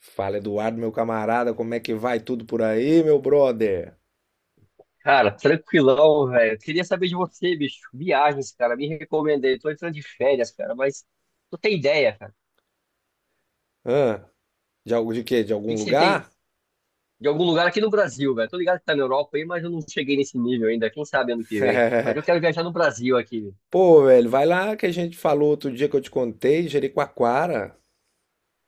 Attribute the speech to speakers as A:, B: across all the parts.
A: Fala, Eduardo, meu camarada, como é que vai tudo por aí, meu brother?
B: Cara, tranquilão, velho. Queria saber de você, bicho. Viagens, cara, me recomendei. Tô entrando de férias, cara, mas não tem ideia, cara.
A: Hã? De algo de quê? De
B: O que
A: algum
B: que você tem
A: lugar?
B: de algum lugar aqui no Brasil, velho? Tô ligado que tá na Europa aí, mas eu não cheguei nesse nível ainda. Quem sabe ano que vem. Mas eu quero viajar no Brasil aqui.
A: Pô, velho, vai lá que a gente falou outro dia que eu te contei, Jericoacoara.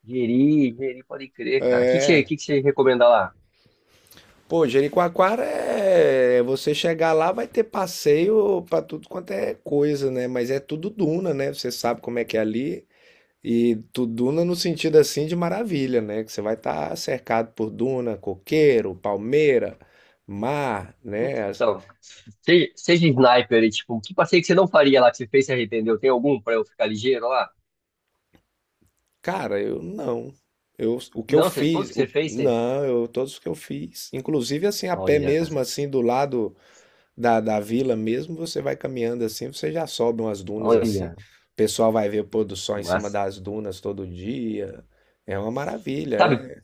B: Jeri, Jeri, pode crer, cara. O
A: É.
B: que que você recomenda lá?
A: Pô, Jericoacoara é. Você chegar lá vai ter passeio pra tudo quanto é coisa, né? Mas é tudo duna, né? Você sabe como é que é ali. E tudo duna no sentido assim de maravilha, né? Que você vai estar cercado por duna, coqueiro, palmeira, mar, né?
B: Então, seja sniper, e, tipo, que passeio que você não faria lá que você fez e se arrependeu? Tem algum pra eu ficar ligeiro lá?
A: Cara, eu não. Eu, o que eu
B: Não, você, todos
A: fiz,
B: que você fez, você...
A: não, eu, todos os que eu fiz, inclusive assim a pé
B: Olha,
A: mesmo, assim do lado da vila mesmo, você vai caminhando assim, você já sobe umas dunas assim, o
B: olha,
A: pessoal vai ver o pôr do
B: que
A: sol em cima
B: massa.
A: das dunas todo dia, é uma maravilha,
B: Sabe,
A: é.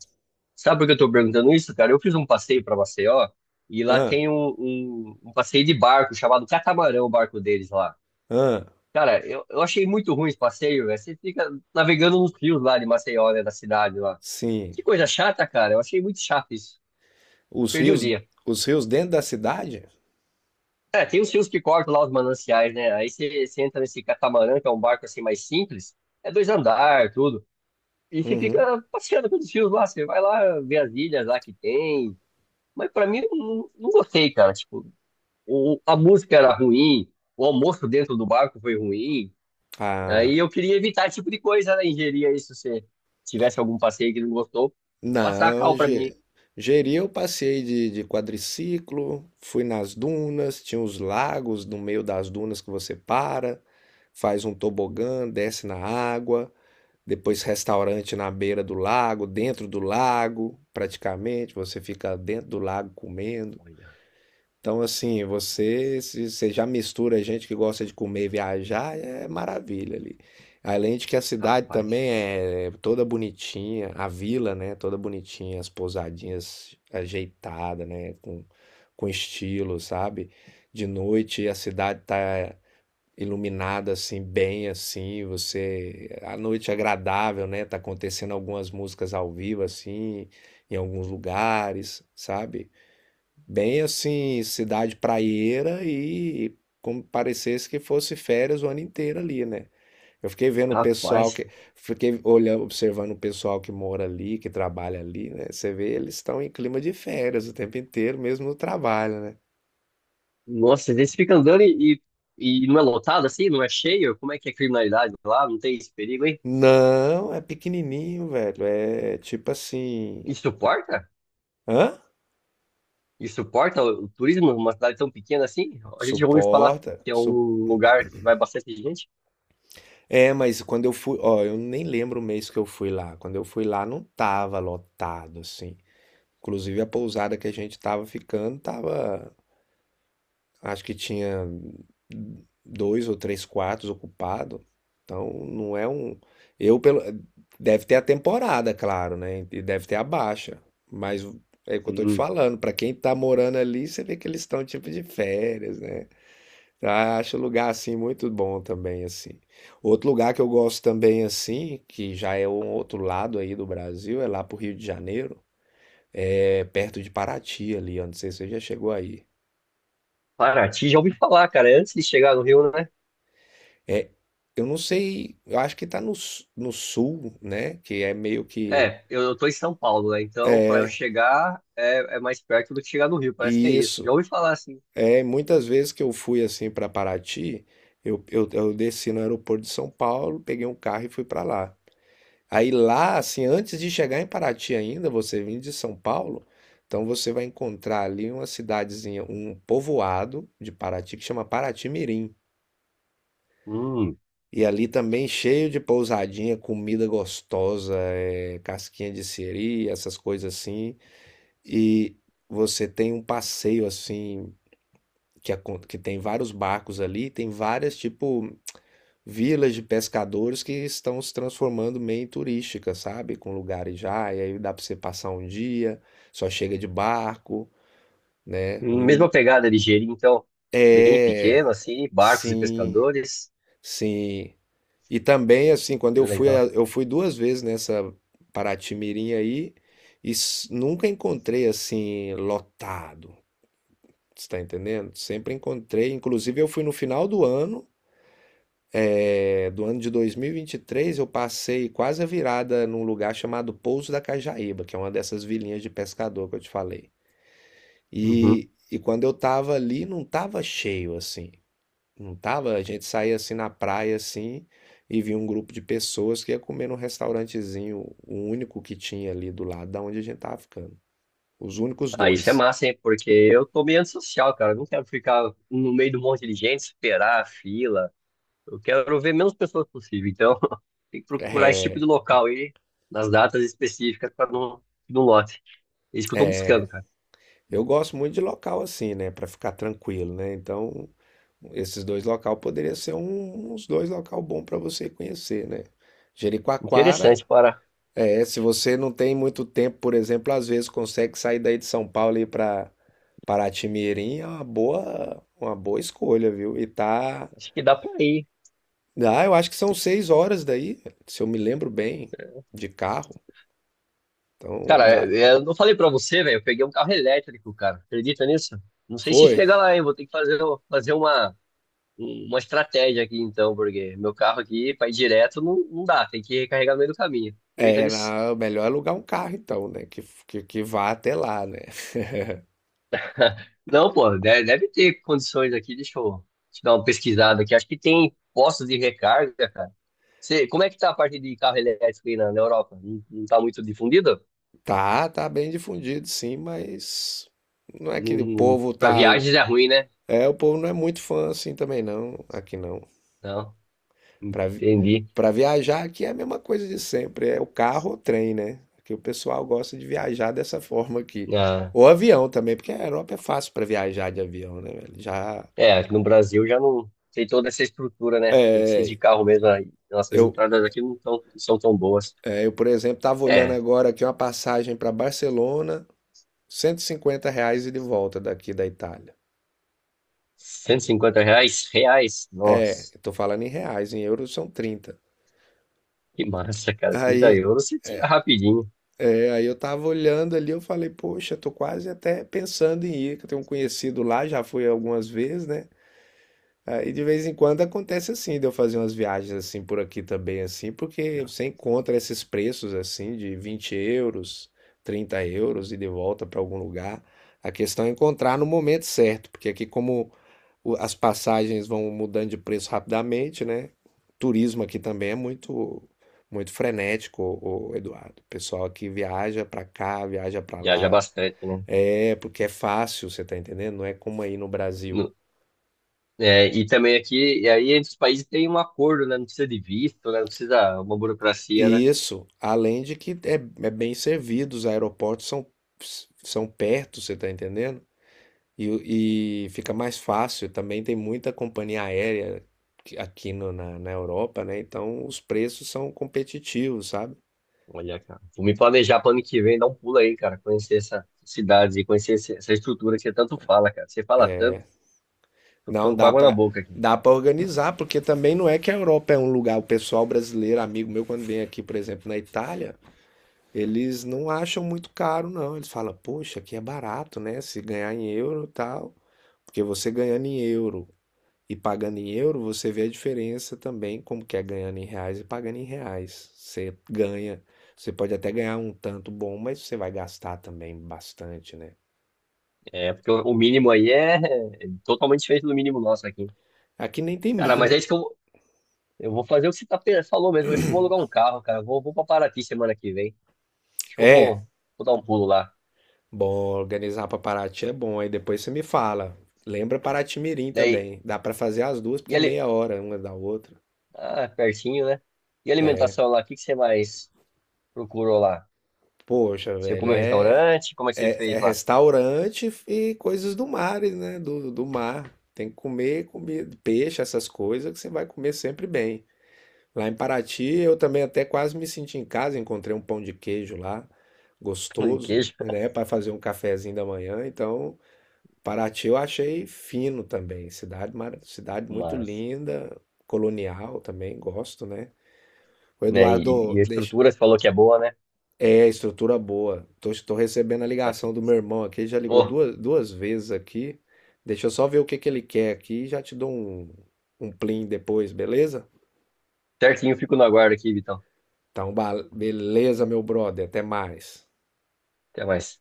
B: Sabe por que eu tô perguntando isso, cara? Eu fiz um passeio pra Maceió e lá
A: Ah,
B: tem um passeio de barco chamado Catamarã, o barco deles lá.
A: ah,
B: Cara, eu achei muito ruim esse passeio, velho. Você fica navegando nos rios lá de Maceió, né, da cidade lá.
A: sim.
B: Que coisa chata, cara. Eu achei muito chato isso.
A: Os
B: Perdi o
A: rios,
B: dia.
A: os rios dentro da cidade?
B: É, tem os rios que cortam lá os mananciais, né? Aí você entra nesse catamarã, que é um barco assim mais simples. É dois andar, tudo. E você
A: Uhum.
B: fica passeando pelos rios lá. Você vai lá ver as ilhas lá que tem. Mas pra mim, eu não gostei, cara. Tipo, a música era ruim, o almoço dentro do barco foi ruim. Aí
A: Ah,
B: eu queria evitar esse tipo de coisa, né? Ingeria isso se você tivesse algum passeio que não gostou, passar a
A: não,
B: cal pra mim.
A: Jeri eu passei de quadriciclo, fui nas dunas, tinha os lagos no meio das dunas que você para, faz um tobogã, desce na água, depois restaurante na beira do lago, dentro do lago, praticamente, você fica dentro do lago comendo.
B: Olha,
A: Então, assim, você, se você já mistura gente que gosta de comer e viajar, é maravilha ali. Além de que a cidade
B: rapaz,
A: também é toda bonitinha, a vila, né, toda bonitinha, as pousadinhas ajeitadas, né, com estilo, sabe? De noite a cidade tá iluminada assim, bem assim, você, a noite é agradável, né? Tá acontecendo algumas músicas ao vivo assim, em alguns lugares, sabe? Bem assim, cidade praieira e como parecesse que fosse férias o ano inteiro ali, né? Eu fiquei vendo o pessoal
B: rapaz.
A: que, fiquei olhando, observando o pessoal que mora ali, que trabalha ali, né? Você vê, eles estão em clima de férias o tempo inteiro, mesmo no trabalho, né?
B: Nossa, eles ficam andando e não é lotado assim, não é cheio? Como é que é a criminalidade lá? Não tem esse perigo, hein?
A: Não, é pequenininho, velho. É tipo assim,
B: E suporta?
A: hã?
B: E suporta o turismo numa cidade tão pequena assim? A gente já ouviu falar
A: Suporta,
B: que é um lugar que vai bastante gente.
A: é, mas quando eu fui, ó, eu nem lembro o mês que eu fui lá. Quando eu fui lá, não tava lotado, assim. Inclusive a pousada que a gente tava ficando tava, acho que tinha dois ou três quartos ocupados. Então não é um, eu pelo deve ter a temporada, claro, né? E deve ter a baixa, mas é o que eu tô te
B: Hum,
A: falando, pra quem tá morando ali, você vê que eles estão tipo de férias, né? Eu acho o lugar assim muito bom também assim. Outro lugar que eu gosto também assim, que já é um outro lado aí do Brasil, é lá pro Rio de Janeiro, é perto de Paraty ali, eu não sei se você já chegou aí.
B: Paraty, já ouvi falar, cara. É antes de chegar no Rio, né?
A: É, eu não sei, eu acho que tá no sul, né? Que é meio que.
B: É, eu tô em São Paulo, né? Então, para eu chegar, é mais perto do que chegar no Rio, parece que é
A: E
B: isso.
A: isso,
B: Já ouvi falar assim.
A: é, muitas vezes que eu fui assim para Paraty, eu desci no aeroporto de São Paulo, peguei um carro e fui para lá. Aí lá, assim, antes de chegar em Paraty ainda, você vindo de São Paulo, então você vai encontrar ali uma cidadezinha, um povoado de Paraty que chama Paraty Mirim.
B: Hum,
A: E ali também cheio de pousadinha, comida gostosa, casquinha de siri, essas coisas assim. E você tem um passeio assim, que, que tem vários barcos ali, tem várias, tipo, vilas de pescadores que estão se transformando meio em turística, sabe? Com lugares já, e aí dá pra você passar um dia, só chega de barco, né?
B: mesma pegada de Jeri, então, bem pequeno,
A: É,
B: assim, barcos e
A: sim,
B: pescadores.
A: sim. E também, assim, quando
B: Que legal.
A: eu fui duas vezes nessa Paraty-Mirim aí e nunca encontrei assim lotado. Você tá entendendo? Sempre encontrei. Inclusive, eu fui no final do ano, é, do ano de dois mil e vinte e três, eu passei quase a virada num lugar chamado Pouso da Cajaíba, que é uma dessas vilinhas de pescador que eu te falei.
B: Uhum.
A: E quando eu tava ali, não tava cheio assim. Não tava? A gente saía assim na praia assim e via um grupo de pessoas que ia comer num restaurantezinho, o único que tinha ali do lado da onde a gente tava ficando. Os únicos
B: Ah, isso é
A: dois.
B: massa, hein? Porque eu tô meio antissocial, cara. Eu não quero ficar no meio de um monte de gente, esperar a fila. Eu quero ver menos pessoas possível. Então, tem que procurar esse tipo de
A: É,
B: local aí, nas datas específicas, para não lote. É isso que eu tô buscando, cara.
A: eu gosto muito de local assim, né, pra ficar tranquilo, né? Então, esses dois local poderiam ser uns dois local bom pra você conhecer, né? Jericoacoara,
B: Interessante, para.
A: é, se você não tem muito tempo, por exemplo, às vezes consegue sair daí de São Paulo e ir para Paraty-Mirim, é uma boa escolha, viu? E tá.
B: Acho que dá para ir.
A: Ah, eu acho que são 6 horas daí, se eu me lembro bem, de carro. Então
B: Cara,
A: dá.
B: eu não falei pra você, velho. Eu peguei um carro elétrico, cara. Acredita nisso? Não sei se
A: Foi.
B: chega lá, hein? Vou ter que fazer uma estratégia aqui, então, porque meu carro aqui, pra ir direto, não dá. Tem que recarregar no meio do caminho. Acredita
A: É,
B: nisso?
A: melhor é alugar um carro então, né? Que vá até lá, né?
B: Não, pô, deve ter condições aqui. Deixa eu te dar uma pesquisada aqui. Acho que tem postos de recarga, cara. Você, como é que tá a parte de carro elétrico aí na Europa? Não, não tá muito difundido?
A: Tá, tá bem difundido, sim, mas não é que
B: Não,
A: o povo
B: pra
A: tá.
B: viagens é ruim, né?
A: É, o povo não é muito fã assim também, não, aqui não.
B: Não,
A: Para
B: entendi.
A: para viajar aqui é a mesma coisa de sempre, é o carro ou trem, né? Que o pessoal gosta de viajar dessa forma aqui.
B: Ah,
A: Ou avião também, porque a Europa é fácil para viajar de avião, né, velho? Já
B: é, aqui no Brasil já não tem toda essa estrutura, né? Tem que ser de carro mesmo. Aí nossas
A: eu,
B: entradas aqui não são tão boas.
A: é, eu, por exemplo, tava olhando
B: É,
A: agora aqui uma passagem para Barcelona, R$ 150, e de volta daqui da Itália.
B: 150 reais? Reais?
A: É,
B: Nossa,
A: eu tô falando em reais, em euros são 30.
B: que massa, cara. 30
A: Aí,
B: euros você tira rapidinho.
A: aí, eu tava olhando ali, eu falei, poxa, tô quase até pensando em ir, que eu tenho um conhecido lá, já fui algumas vezes, né? Aí de vez em quando acontece assim, de eu fazer umas viagens assim por aqui também, assim, porque você encontra esses preços assim de 20 euros, 30 euros, e de volta para algum lugar. A questão é encontrar no momento certo, porque aqui como as passagens vão mudando de preço rapidamente, né? Turismo aqui também é muito muito frenético, o Eduardo. O pessoal aqui viaja para cá, viaja para
B: Já já
A: lá.
B: bastante, né?
A: É, porque é fácil, você tá entendendo? Não é como aí no Brasil.
B: No- é, e também aqui, e aí entre os países tem um acordo, né? Não precisa de visto, né? Não precisa uma burocracia, né?
A: Isso, além de que é, é bem servido, os aeroportos são, são perto, você está entendendo? E, e fica mais fácil. Também tem muita companhia aérea aqui na Europa, né? Então os preços são competitivos, sabe?
B: Olha, cara. Vou me planejar para ano que vem, dar um pulo aí, cara. Conhecer essa cidade e conhecer essa estrutura que você tanto fala, cara. Você fala tanto, tô
A: Não
B: ficando com
A: dá
B: água na
A: para
B: boca aqui.
A: dá para organizar, porque também não é que a Europa é um lugar. O pessoal brasileiro, amigo meu, quando vem aqui, por exemplo, na Itália, eles não acham muito caro, não. Eles falam, poxa, aqui é barato, né? Se ganhar em euro e tal. Porque você ganhando em euro e pagando em euro, você vê a diferença também, como que é ganhando em reais e pagando em reais. Você ganha, você pode até ganhar um tanto bom, mas você vai gastar também bastante, né?
B: É, porque o mínimo aí é totalmente diferente do mínimo nosso aqui.
A: Aqui nem tem
B: Cara, mas é
A: mínimo.
B: isso que eu vou fazer o que você falou mesmo. É que eu vou alugar um carro, cara. Eu vou pra Paraty semana que vem. Acho que eu
A: É,
B: vou dar um pulo lá.
A: bom, organizar para Paraty é bom, aí depois você me fala. Lembra Paraty-Mirim
B: Daí,
A: também. Dá para fazer as duas, porque
B: e
A: é
B: ali,
A: meia hora uma da outra.
B: ah, pertinho, né? E alimentação lá, o que que você mais procurou lá?
A: Poxa,
B: Você
A: velho,
B: comeu em restaurante? Como é que você fez
A: é
B: lá?
A: restaurante e coisas do mar, né? Do mar. Tem que comer, comer peixe, essas coisas que você vai comer sempre bem. Lá em Paraty, eu também até quase me senti em casa, encontrei um pão de queijo lá,
B: Pão de
A: gostoso,
B: queijo?
A: né, para fazer um cafezinho da manhã. Então, Paraty eu achei fino também, cidade, cidade muito
B: Mas,
A: linda, colonial também, gosto, né? O
B: né? E,
A: Eduardo,
B: e a
A: deixa,
B: estrutura, você falou que é boa, né?
A: é estrutura boa. Tô recebendo a
B: Tá aqui.
A: ligação do meu irmão aqui, ele já ligou
B: Ô,
A: duas vezes aqui. Deixa eu só ver o que que ele quer aqui e já te dou um plim depois, beleza?
B: certinho, fico no aguardo aqui, Vitão.
A: Então, beleza, meu brother, até mais.
B: Até mais.